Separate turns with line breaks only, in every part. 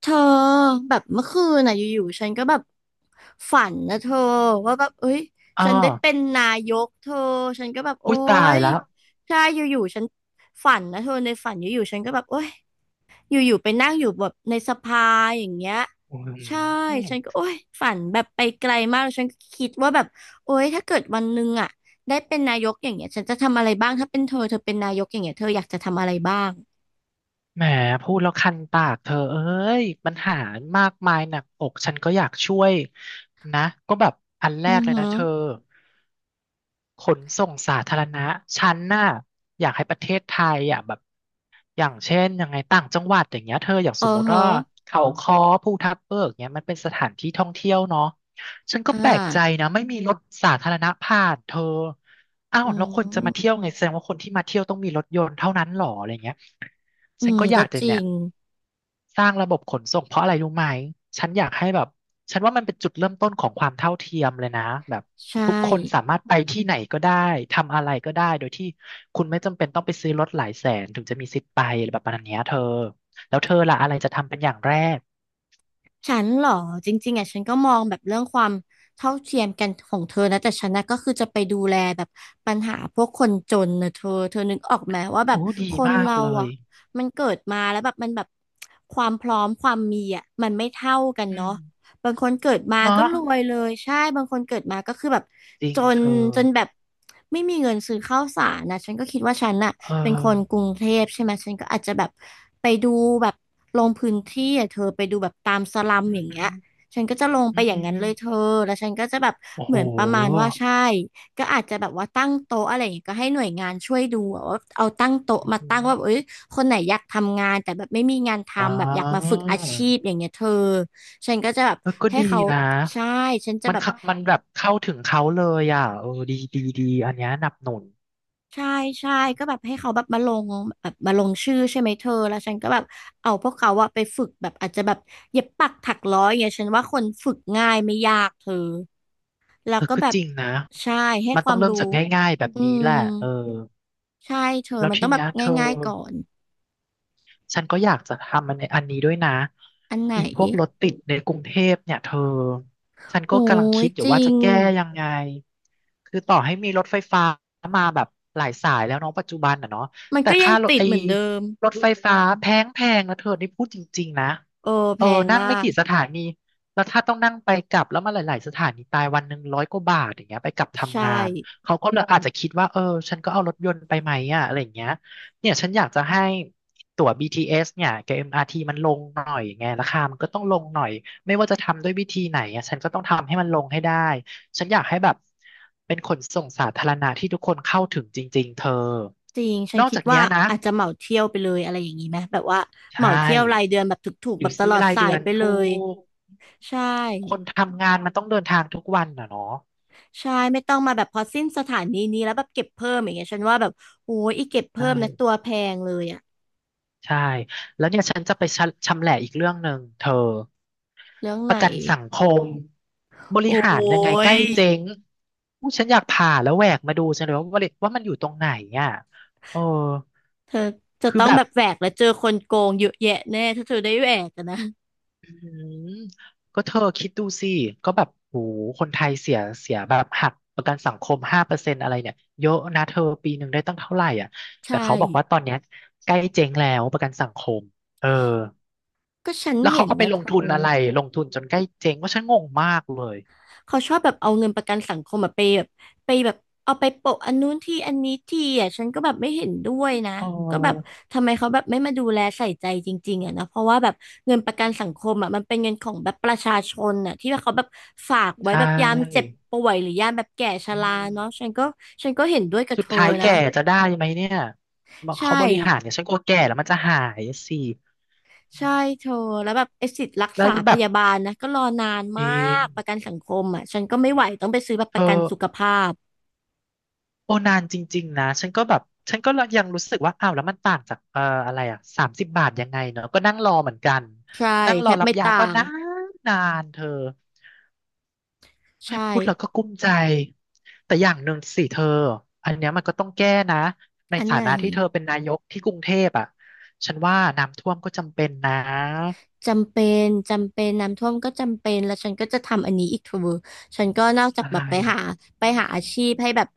เธอแบบเมื่อคืนน่ะอยู่ๆฉันก็แบบฝันนะเธอว่าแบบเอ้ย
อ้อ
ฉันได้เป็นนายกเธอฉันก็แบบโอ๊
อุ้ยตาย
ย
แล้ว
ใช่อยู่ๆฉันฝันนะเธอในฝันอยู่ๆฉันก็แบบโอ๊ยอยู่ๆไปนั่งอยู่แบบในสภาอย่างเงี้ย
อ
ใช่
ืม
ฉันก็โอ๊ยฝันแบบไปไกลมากแล้วฉันก็คิดว่าแบบโอ๊ยถ้าเกิดวันหนึงอ่ะได้เป็นนายกอย่างเงี้ยฉันจะทำอะไรบ้างถ้าเป็นเธอเธอเป็นนายกอย่างเงี้ยเธออยากจะทำอะไรบ้าง
แหมพูดแล้วคันปากเธอเอ้ยปัญหามากมายหนักอกฉันก็อยากช่วยนะก็แบบอันแร
อือ
กเลย
หื
นะ
อ
เธอขนส่งสาธารณะฉันน่ะอยากให้ประเทศไทยอ่ะแบบอย่างเช่นยังไงต่างจังหวัดอย่างเงี้ยเธออย่าง
เอ
ส
อ
มม
หร
ติ
อ
ว่าเขาค้อภูทับเบิกเงี้ยมันเป็นสถานที่ท่องเที่ยวเนาะ ฉันก็
อ่า
แปลกใจนะไม่มีรถสาธารณะผ่านเธออ้าว
อื
แล้วคนจะมาเที่ยว
ม
ไงแสดงว่าคนที่มาเที่ยวต้องมีรถยนต์เท่านั้นหรออะไรเงี้ย
อื
ฉัน
ม
ก็อ
ก็
ยากจะ
จริ
เนี่ย
ง
สร้างระบบขนส่งเพราะอะไรรู้ไหมฉันอยากให้แบบฉันว่ามันเป็นจุดเริ่มต้นของความเท่าเทียมเลยนะแบบ
ใช่
ทุกคนสามารถไปที่ไหนก็ได้ทำอะไรก็ได้โดยที่คุณไม่จำเป็นต้องไปซื้อรถหลายแสนถึงจะมีสิทธิ์ไปอะไรแบบนัานเนี้ยเธอแล้วเธอล่ะอะไรจะทำเป็นอย่างแรก
ฉันเหรอจริงๆอ่ะฉันก็มองแบบเรื่องความเท่าเทียมกันของเธอนะแต่ฉันนะก็คือจะไปดูแลแบบปัญหาพวกคนจนนะเธอเธอนึกออกไหมว่าแบ
โอ้
บ
ดี
คน
มาก
เรา
เลย
อ่ะมันเกิดมาแล้วแบบมันแบบความพร้อมความมีอ่ะมันไม่เท่ากัน
อื
เนาะ
ม
บางคนเกิดมา
เนาะ
ก็รวยเลยใช่บางคนเกิดมาก็คือแบบ
จริ
จ
ง
น
เธอ
จนแบบไม่มีเงินซื้อข้าวสารนะฉันก็คิดว่าฉันน่ะ
เออ
เป็นคนกรุงเทพใช่ไหมฉันก็อาจจะแบบไปดูแบบลงพื้นที่อ่ะเธอไปดูแบบตามสลัม
อื
อ
อ
ย่าง
หื
เงี้
อ
ยฉันก็จะลงไป
อือ
อย่า
อื
ง
อ
นั้น
อื
เล
อ
ยเธอแล้วฉันก็จะแบบ
โอ้
เห
โห
มือนประมาณว่าใช่ก็อาจจะแบบว่าตั้งโต๊ะอะไรอย่างเงี้ยก็ให้หน่วยงานช่วยดูอะว่าเอาตั้งโต๊ะ
อือ
มา
หือ
ตั้งว่าแบบเอ้ยคนไหนอยากทำงานแต่แบบไม่มีงาน
อ่
ทำแบบอยากมา
า
ฝึกอาชีพอย่างเงี้ยเธอฉันก็จะแบบ
เออก็
ให้
ดี
เขา
นะ
ใช่ฉันจะ
มัน
แบบ
เข้ามันแบบเข้าถึงเขาเลยอ่ะเออดีดีดีอันเนี้ยหนับหนุน
ใช่ใช่ก็แบบให้เขาแบบมาลงแบบมาลงชื่อใช่ไหมเธอแล้วฉันก็แบบเอาพวกเขาอะไปฝึกแบบอาจจะแบบเย็บปักถักร้อยอย่างเงี้ยฉันว่าคนฝึกง่ายไม่ยากเธอแล้ว
เออ
ก็
ก็
แบบ
จริงนะ
ใช่ให้
มัน
ค
ต้
วา
อง
ม
เริ่ม
รู้
จากง่ายๆแบบ
อื
นี้
ม
แหละเออ
ใช่เธอ
แล้ว
มันต้
ที
องแบบ
เนี้ยเธอ
ง่ายๆก่อน
ฉันก็อยากจะทำมันในอันนี้ด้วยนะ
อันไหน
อีพวกรถติดในกรุงเทพเนี่ยเธอฉัน
โอ้
ก็กำลัง
ย
คิดอ
จ
ยู่
ริ
ว่าจะ
ง
แก้ยังไงคือต่อให้มีรถไฟฟ้ามาแบบหลายสายแล้วเนาะปัจจุบันอ่ะเนาะ
มัน
แต่
ก็ยั
ค่า
ง
รถ
ติด
ไอ้
เหมือนเดิม
รถไฟฟ้าแพงนะเธอนี่พูดจริงๆนะ
เออ
เอ
แพ
อ
ง
นั่ง
มา
ไม่
ก
กี่สถานีแล้วถ้าต้องนั่งไปกลับแล้วมาหลายๆสถานีตายวันหนึ่งร้อยกว่าบาทอย่างเงี้ยไปกลับ
ใช่
ทำงานเขาก็เลยอาจจะคิดว่าเออฉันก็เอารถยนต์ไปไหมอ่ะอะไรอย่างเงี้ย เนี่ยฉันอยากจะให้ตั๋ว BTS เอสเนี่ยกับ MRT มอาร์ทีมันลงหน่อยไงราคามันก็ต้องลงหน่อยไม่ว่าจะทำด้วยวิธีไหนอะฉันก็ต้องทำให้มันลงให้ได้ฉันอยากให้แบบเป็นขนส่งสาธารณะที่ทุกคนเข้าถึงจริงๆเธอ
จริง ฉั
น
น
อก
คิด
จาก
ว่า
เนี้ยนะ
อาจจะเหมาเที่ยวไปเลยอะไรอย่างนี้ไหมแบบว่าเห
ใช่
มาเที่ยวรายเดือนแบบถูก
ห
ๆแบ
รื
บ
อ
ต
ซื้
ล
อ
อด
ราย
สา
เดื
ย
อน
ไปเล
ถู
ย
ก
ใช่
คนทำงานมันต้องเดินทางทุกวันอ่ะเนาะ
ใช่ไม่ต้องมาแบบพอสิ้นสถานีนี้แล้วแบบเก็บเพิ่มอย่างเงี้ยฉันว่าแบบโอ้ยอีเก็บ
ใช่
เพิ่มนะตัวแพงเลยอะ
ใช่แล้วเนี่ยฉันจะไปชะชำแหละอีกเรื่องหนึ่งเธอ
เรื่อง
ป
ไหน
ระกันสังคมบริ
โอ้
หารยังไงใก
ย
ล้เจ๊งอู้ฉันอยากผ่าแล้วแหวกมาดูจังเลยว่ามันอยู่ตรงไหนอ่ะเออ
จะ
คือ
ต้อง
แบ
แบ
บ
บแหวกแล้วเจอคนโกงเยอะแยะแน่ถ้าเธอได้แหวกอะนะ
อืมก็เธอคิดดูสิก็แบบโหคนไทยเสียแบบหักประกันสังคม5%อะไรเนี่ยเยอะนะเธอปีหนึ่งได้ตั้งเท่าไหร่อ่ะแต่
ใช่
เขาบอกว่าตอนเนี้ยใกล้เจ๊งแล้วประกันสังคมเออ
ก็ฉัน
แล้ว
เห็
เขา
น
ก็ไป
นะ
ล
เธ
งทุ
อ
นอะไรลงทุนจนใกล้เจ๊งว่าฉันงงมากเลย
เขาชอบแบบเอาเงินประกันสังคมแบบไปแบบไปแบบเอาไปโปะอันนู้นที่อันนี้ที่อ่ะฉันก็แบบไม่เห็นด้วยนะ
อ๋อ
ก็แบบทำไมเขาแบบไม่มาดูแลใส่ใจจริงๆอ่ะนะเพราะว่าแบบเงินประกันสังคมอ่ะมันเป็นเงินของแบบประชาชนอ่ะที่ว่าเขาแบบฝาก
ใช
ไว้แบบยามเจ็บ
่
ป่วยหรือยามแบบแก่ช
อื
รา
ม
เนาะฉันก็ฉันก็เห็นด้วยกับ
สุ
เธ
ด
อ
ท้าย
นะ
แก่จะได้ไหมเนี่ย
ใช่
เขาบริหารเนี่ยฉันกลัวแก่แล้วมันจะหายสิอื
ใช่
ม
เธอแล้วแบบไอ้สิทธิ์รัก
แล้ว
ษาพ
แบบ
ยาบาลนะก็รอนาน
เอ
มากประ
ง
กันสังคมอ่ะฉันก็ไม่ไหวต้องไปซื้อแบบป
เธอ
ระกันสุขภาพ
โอนานจริงๆนะฉันก็แบบฉันก็ยังรู้สึกว่าอ้าวแล้วมันต่างจากอะไรอ่ะ30 บาทยังไงเนอะก็นั่งรอเหมือนกัน
ใช่
นั่งร
แท
อ
บ
รับ
ไม่
ยาก็
ต่าง
นานเธอ แม่
ใช่
พูดแล้วก็กุ้มใจ แต่อย่างหนึ่งสิเธอ อันเนี้ยมันก็ต้องแก้นะ ใน
อัน
ฐา
ไหน
นะที่เธอเป็นนายกที่กรุงเทพอ่ะฉันว่าน้ำท่วมก็จำเป็นนะ
จำเป็นจำเป็นน้ำท่วมก็จำเป็นแล้วฉันก็จะทำอันนี้อีกเธอ ฉันก็นอกจาก
อะ
แบ
ไร
บไปหาไปหาอาชีพให้แบบ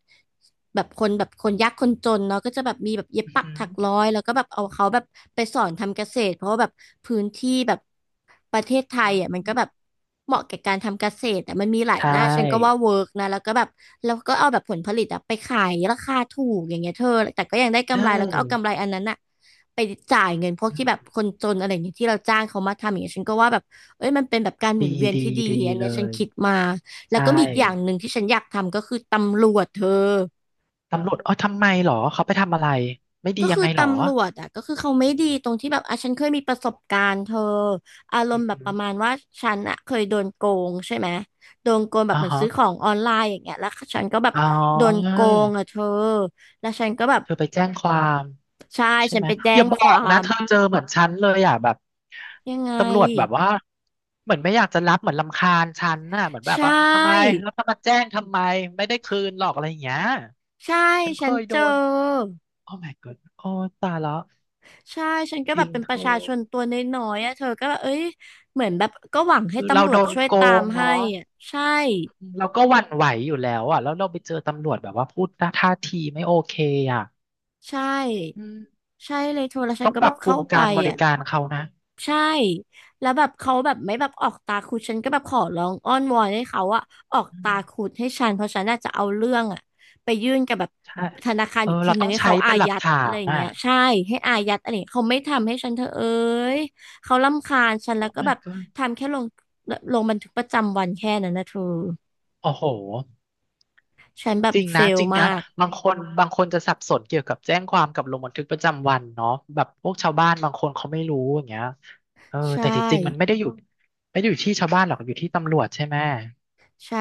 แบบคนแบบคนยากคนจนเนาะก็จะแบบมีแบบเย็บ
อือ
ปัก
หือ
ถักร้อยแล้วก็แบบเอาเขาแบบไปสอนทำเกษตรเพราะว่าแบบพื้นที่แบบประเทศไทยอ่ะมั
อื
นก็
ม
แบบเหมาะแก่การทำเกษตรแต่มันมีหลา
ใช
ยหน้าฉันก็ว่า
่
เวิร์กนะแล้วก็แบบแล้วก็เอาแบบผลผลิตอะไปขายราคาถูกอย่างเงี้ยเธอแต่ก็ยังได้
เอ
กำไรแล้วก็เอา
อ
กำไรอันนั้นอะไปจ่ายเงินพวก
อื
ที่แบบ
ม
คนจนอะไรอย่างเงี้ยที่เราจ้างเขามาทำอย่างเงี้ยฉันก็ว่าแบบเอ้ยมันเป็นแบบการหมุ
ดี
นเวียน
ดี
ที่ดี
ดี
อัน
เล
เนี้ยฉัน
ย
คิดมา แล้ว
ใช่
ก็มีอีกอย่างหนึ่งที่ฉันอยากทำก็คือตำรวจเธอ
ตำรวจเอ๋อทำไมเหรอ เขาไปทำอะไร ไม่ดี
ก็
ยั
คื
ง
อ
ไงเหรอ
ตำรวจอ่ะก็คือเขาไม่ดีตรงที่แบบอ่ะฉันเคยมีประสบการณ์เธออารม
อือ
ณ์แบบ
หื
ป
อ
ระมาณว่าฉันอ่ะเคยโดนโกงใช่ไหมโดนโกงแบบ
อ่า
เหมือน
ฮะ
ซื้อของออนไลน์อย่างเงี้ยแล้วฉันก็แบบ
อ๋อ
โดนโกงอ่ะเธอแล้วฉันก็แบบ
เธอไปแจ้งความ
ใช่
ใช่
ฉัน
ไหม
ไปแจ้
อ
ง
ย่าบ
ค
อ
วา
กนะ
ม
เธอเจอเหมือนฉันเลยอ่ะแบบ
ยังไง
ตำรวจแบบว่าเหมือนไม่อยากจะรับเหมือนรำคาญฉันน่ะเหมือนแบ
ใช
บว่าทำไม
่
แล้วจะมาแจ้งทำไมไม่ได้คืนหรอกอะไรอย่างเงี้ย
ใช่
ฉันเค
ฉัน
ย
เจ
โดน
อ
โอ้ my god โอ้ตายแล้ว
ใช่ ฉันก็
จ
แบ
ริ
บ
ง
เป็น
เธ
ประชา
อ
ชนตัวน้อยๆอ่ะเธอก็แบบเอ้ยเหมือนแบบก็หวังให้
คือเรา
ตำรว
โด
จ
น
ช่วย
โก
ตาม
ง
ให้
เนาะ
อ่ะใช่
เราก็หวั่นไหวอยู่แล้วอ่ะแล้วเราไปเจอตำรวจแบบว่าพูดท่าทีไม่โอเคอ่ะ
ใช่
อืม
ใช่เลยเธอแล้วฉั
ต้
น
อง
ก็
ป
แบ
รับ
บ
ปรุ
เข้า
ง
ไป
การบริ
อ่ะ
การเขานะ
ใช่แล้วแบบเขาแบบไม่แบบออกตาคุดฉันก็แบบขอร้องอ้อนวอนให้เขาอะออก
อื
ตา
ม
คุดให้ฉันเพราะฉันน่าจะเอาเรื่องอะไปยื่นกับแบบ
ใช่
ธนาคาร
เออ
อีกที
เรา
หนึ่
ต้อ
ง
ง
ให้
ใช้
เขาอา
เป็นหลัก
ยัด
ฐา
อะไร
น
อย่าง
อ่ะ
เงี้ยใช่ให้อายัดอะไรอย่างเงี้ยเขาไม่ทำให้ฉันเธอเอ้ยเขารำคาญฉันแล้วก็แบ
my
บ
god
ทำแค่ลงบันทึกประจำวันแค่นั้นนะเธอ
โอ้โห
ฉันแบบ
จริง
เฟ
นะ
ล
จริง
มา
นะ
ก
บางคนบางคนจะสับสนเกี่ยวกับแจ้งความกับลงบันทึกประจำวันเนาะแบบพวกชาวบ้านบางคนเขาไม่รู้อย่างเงี้ยเออ
ใช
แต่ที่จริงๆมันไม่
่
ได้อยู่ไม่ได้อยู่ที่ชาวบ้านหรอกอยู่ที่ตำรวจใช่ไหม
ใช่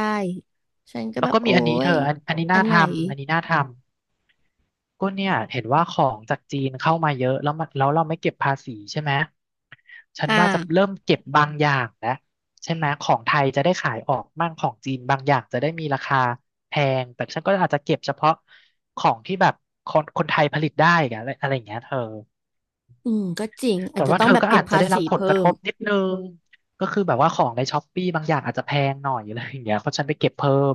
ฉันก็
แล้
แบ
ว
บ
ก็
โอ๊
มีอันนี้เธ
ย
ออันนี้
อั
น่า
นไหน
ทำอันนี้น่าทำ ก็เนี่ยเห็นว่าของจากจีนเข้ามาเยอะแล้วเราไม่เก็บภาษีใช่ไหมฉั
อ
นว่าจะ
่า
เริ่มเก็บบางอย่างแล้วใช่ไหมของไทยจะได้ขายออกมั่งของจีนบางอย่างจะได้มีราคาแพงแต่ฉันก็อาจจะเก็บเฉพาะของที่แบบคนไทยผลิตได้อะไรอะไรอย่างเงี้ยเธอ
อืมก็จริงอา
แต่
จจะ
ว่า
ต้อ
เธ
ง
อ
แบบ
ก็
เก็
อา
บ
จจะ
ภา
ได้
ษี
รับผล
เพิ่
กระท
ม
บนิดนึงก็คือแบบว่าของในช้อปปี้บางอย่างอาจจะแพงหน่อยอะไรอย่างเงี้ยเพราะฉันไปเก็บเพิ่ม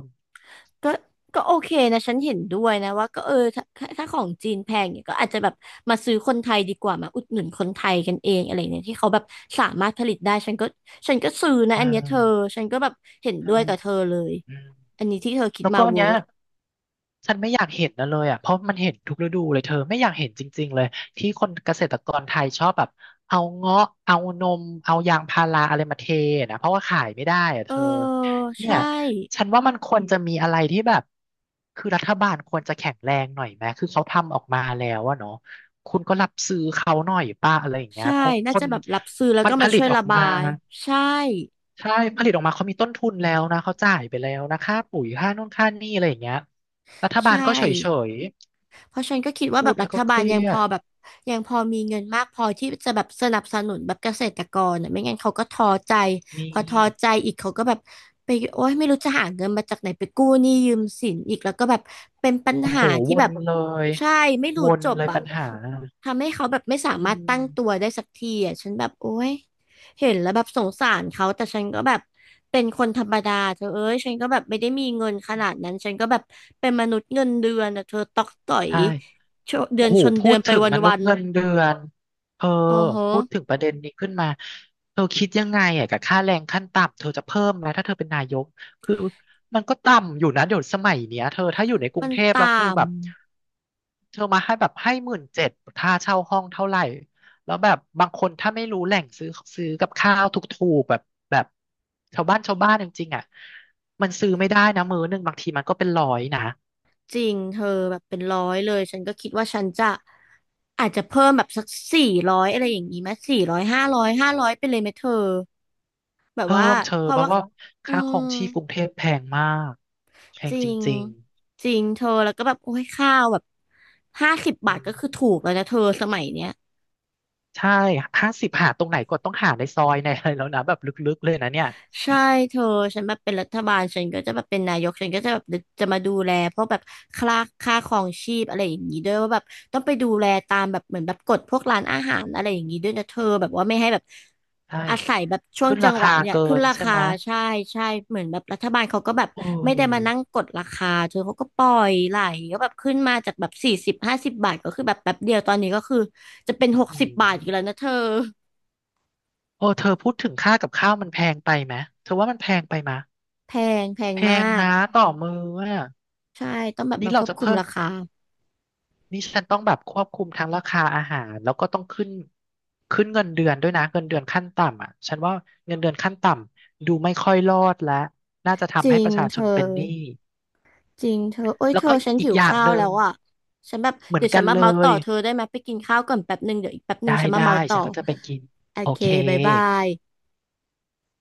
ก็ก็โอเคนะฉันเห็นด้วยนะว่าก็เออถ้าของจีนแพงเนี่ยก็อาจจะแบบมาซื้อคนไทยดีกว่ามาอุดหนุนคนไทยกันเองอะไรเนี่ยที่เขาแบบสามารถผลิตได้ฉันก็ซื้อนะ
อ่
อันเนี้ยเธอ
า
ฉันก็แบบเห็น
ใช่
ด้วยกับเธอเลย
อืม
อันนี้ที่เธอคิด
แล้ว
มา
ก็อัน
เวิ
เนี้ย
ร์ก
ฉันไม่อยากเห็นนะเลยอ่ะเพราะมันเห็นทุกฤดูเลยเธอไม่อยากเห็นจริงๆเลยที่คนเกษตรกรไทยชอบแบบเอาเงาะเอานมเอายางพาราอะไรมาเทนะเพราะว่าขายไม่ได้อ่ะ
เอ
เธ
อ
อเนี่ย
ใช่
ฉันว่ามันควรจะมีอะไรที่แบบคือรัฐบาลควรจะแข็งแรงหน่อยไหมคือเขาทำออกมาแล้วอะเนาะคุณก็รับซื้อเขาหน่อยป้าอะไรอย่างเงี้ย
ใช่
เพราะค
น่าจะ
น
แบบรับซื้อแล้ว
มัน
ก็
ผ
มา
ลิ
ช่
ต
วย
ออ
ระ
ก
บา
มา
ยใช่
ใช่ผลิตออกมาเขามีต้นทุนแล้วนะเขาจ่ายไปแล้วนะค่าปุ๋ยค่านู่นค่านี่อะไรอย่างเงี้ยรัฐบา
ใช่
ลก็เฉย
เพราะฉันก็คิด
ๆ
ว่าแบ
พูด
บรั
แล้ว
ฐ
ก็เค
บาล
รี
ยัง
ย
พอ
ด
แบบยังพอมีเงินมากพอที่จะแบบสนับสนุนแบบเกษตรกรอ่ะไม่งั้นเขาก็ท้อใจ
ม
พอ
ี
ท้อใจอีกเขาก็แบบไปโอ๊ยไม่รู้จะหาเงินมาจากไหนไปกู้หนี้ยืมสินอีกแล้วก็แบบเป็นปัญ
โอ้
หา
โห
ที่
ว
แบ
น
บ
เลย
ใช่ไม่รู้
วน
จบ
เลย
อ่ะ
ปัญหา
ทำให้เขาแบบไม่สา
อื
มารถตั้งตัว
ม
ได้สักทีอ่ะฉันแบบโอ๊ย เห็นแล้วแบบสงสารเขาแต่ฉันก็แบบเป็นคนธรรมดาเธอเอ้ยฉันก็แบบไม่ได้มีเงินขนาดนั้นฉันก็แบบเป็นมนุษย์เงินเดือนอะเธอตอกต่อย
ใช่
ชเดือ
โอ้
น
โห
ชน
พู
เดือน
ด
ไป
ถึง
ว
มนุษ
ั
ย์
น
เงินเดือนเธอ
ๆโอ้โห
พูดถึงประเด็นนี้ขึ้นมา เธอคิดยังไงอ่ะกับค่าแรงขั้นต่ำเธอจะเพิ่มไหมถ้าเธอเป็นนายก คือมันก็ต่ำอยู่นะเดี๋ยวสมัยเนี้ยเธอถ้าอยู่ในกรุ
มั
ง
น
เทพ
ต่
แล้วคือแบบ เธอมาให้แบบให้17,000ค่าเช่าห้องเท่าไหร่ แล้วแบบบางคนถ้าไม่รู้แหล่งซื้อกับข้าวถูกๆแบบแบบชาวบ้านจริงๆอ่ะมันซื้อไม่ได้นะมื้อหนึ่งบางทีมันก็เป็นร้อยนะ
ำจริงเธอแบบเป็นร้อยเลยฉันก็คิดว่าฉันจะอาจจะเพิ่มแบบสักสี่ร้อยอะไรอย่างนี้ไหมสี่ร้อยห้าร้อยห้าร้อยไปเลยไหมเธอแบบ
เพิ่
ว่า
มเธอ
เพราะ
เพ
ว่า
ราะว่า
อื
ค่าครอ
ม
งชีพกรุงเทพแพงมากแพ
จ
ง
ริ
จ
ง
ริง
จริงเธอแล้วก็แบบโอ้ยข้าวแบบห้าสิบ
ๆอื
บาท
ม
ก็คือถูกแล้วนะเธอสมัยเนี้ย
ใช่50หาตรงไหนก็ต้องหาในซอยในอะไรแล้วนะแบบลึกๆเลยนะเนี่ย
ใช่เธอฉันแบบเป็นรัฐบาลฉันก็จะแบบเป็นนายกฉันก็จะแบบจะมาดูแลพวกแบบค่าค่าครองชีพอะไรอย่างนี้ด้วยว่าแบบต้องไปดูแลตามแบบเหมือนแบบกฎพวกร้านอาหาร
อื
อะไรอย่าง
ม
นี้ด้วยนะเธอแบบว่าไม่ให้แบบ
ใช่
อาศัยแบบช่วง
ขึ้น
จั
รา
งหวะ
คา
เนี่ย
เกิ
ขึ้น
น
รา
ใช่
คา
ไหม
ใช่ใช่เหมือนแบบรัฐบาลเขาก็แบบ
โอ
ไม่ได้มา
้
นั่งกดราคาเธอเขาก็ปล่อยไหลก็แบบขึ้นมาจากแบบ40ห้าสิบบาทก็คือแบบแป๊บเดียวตอนนี้ก็คือจะเป็น
อื
ห
อ
ก
หื
สิบบาทอยู่แล้วนะเธอ
อโอ้เธอพูดถึงค่ากับข้าวมันแพงไปไหมเธอว่ามันแพงไปไหม
แพแพง
แพ
มา
ง
ก
นะต่อมืออ่ะ
ใช่ต้องแบบ
นี่
มาค
เรา
วบ
จะ
คุม
เพิ่ม
ราคา
นี่ฉันต้องแบบควบคุมทั้งราคาอาหารแล้วก็ต้องขึ้นเงินเดือนด้วยนะเงินเดือนขั้นต่ำอ่ะฉันว่าเงินเดือนขั้นต่ำดูไม่ค่อยรอดและน่าจะ
จ
ทำ
ริ
ให้ป
ง
ระชา
เธ
ช
อ
นเป็นหนี้
จริงเธอโอ้ย
แล้
เธ
ว
อ
ก็
ฉัน
อี
หิ
ก
ว
อย่าง
ข้า
ห
ว
นึ่
แล้
ง
วอ่ะฉันแบบ
เหมือ
เดี๋
น
ยวฉั
กั
น
น
มา
เล
เมาต่อ
ย
เธอได้ไหมไปกินข้าวก่อนแป๊บหนึ่งเดี๋ยวอีกแป๊บหนึ่
ได้
งฉันมา
ได้
เมาต่อ
ฉันก็จะไปกิน
โอ
โอ
เค
เค
บ๊ายบาย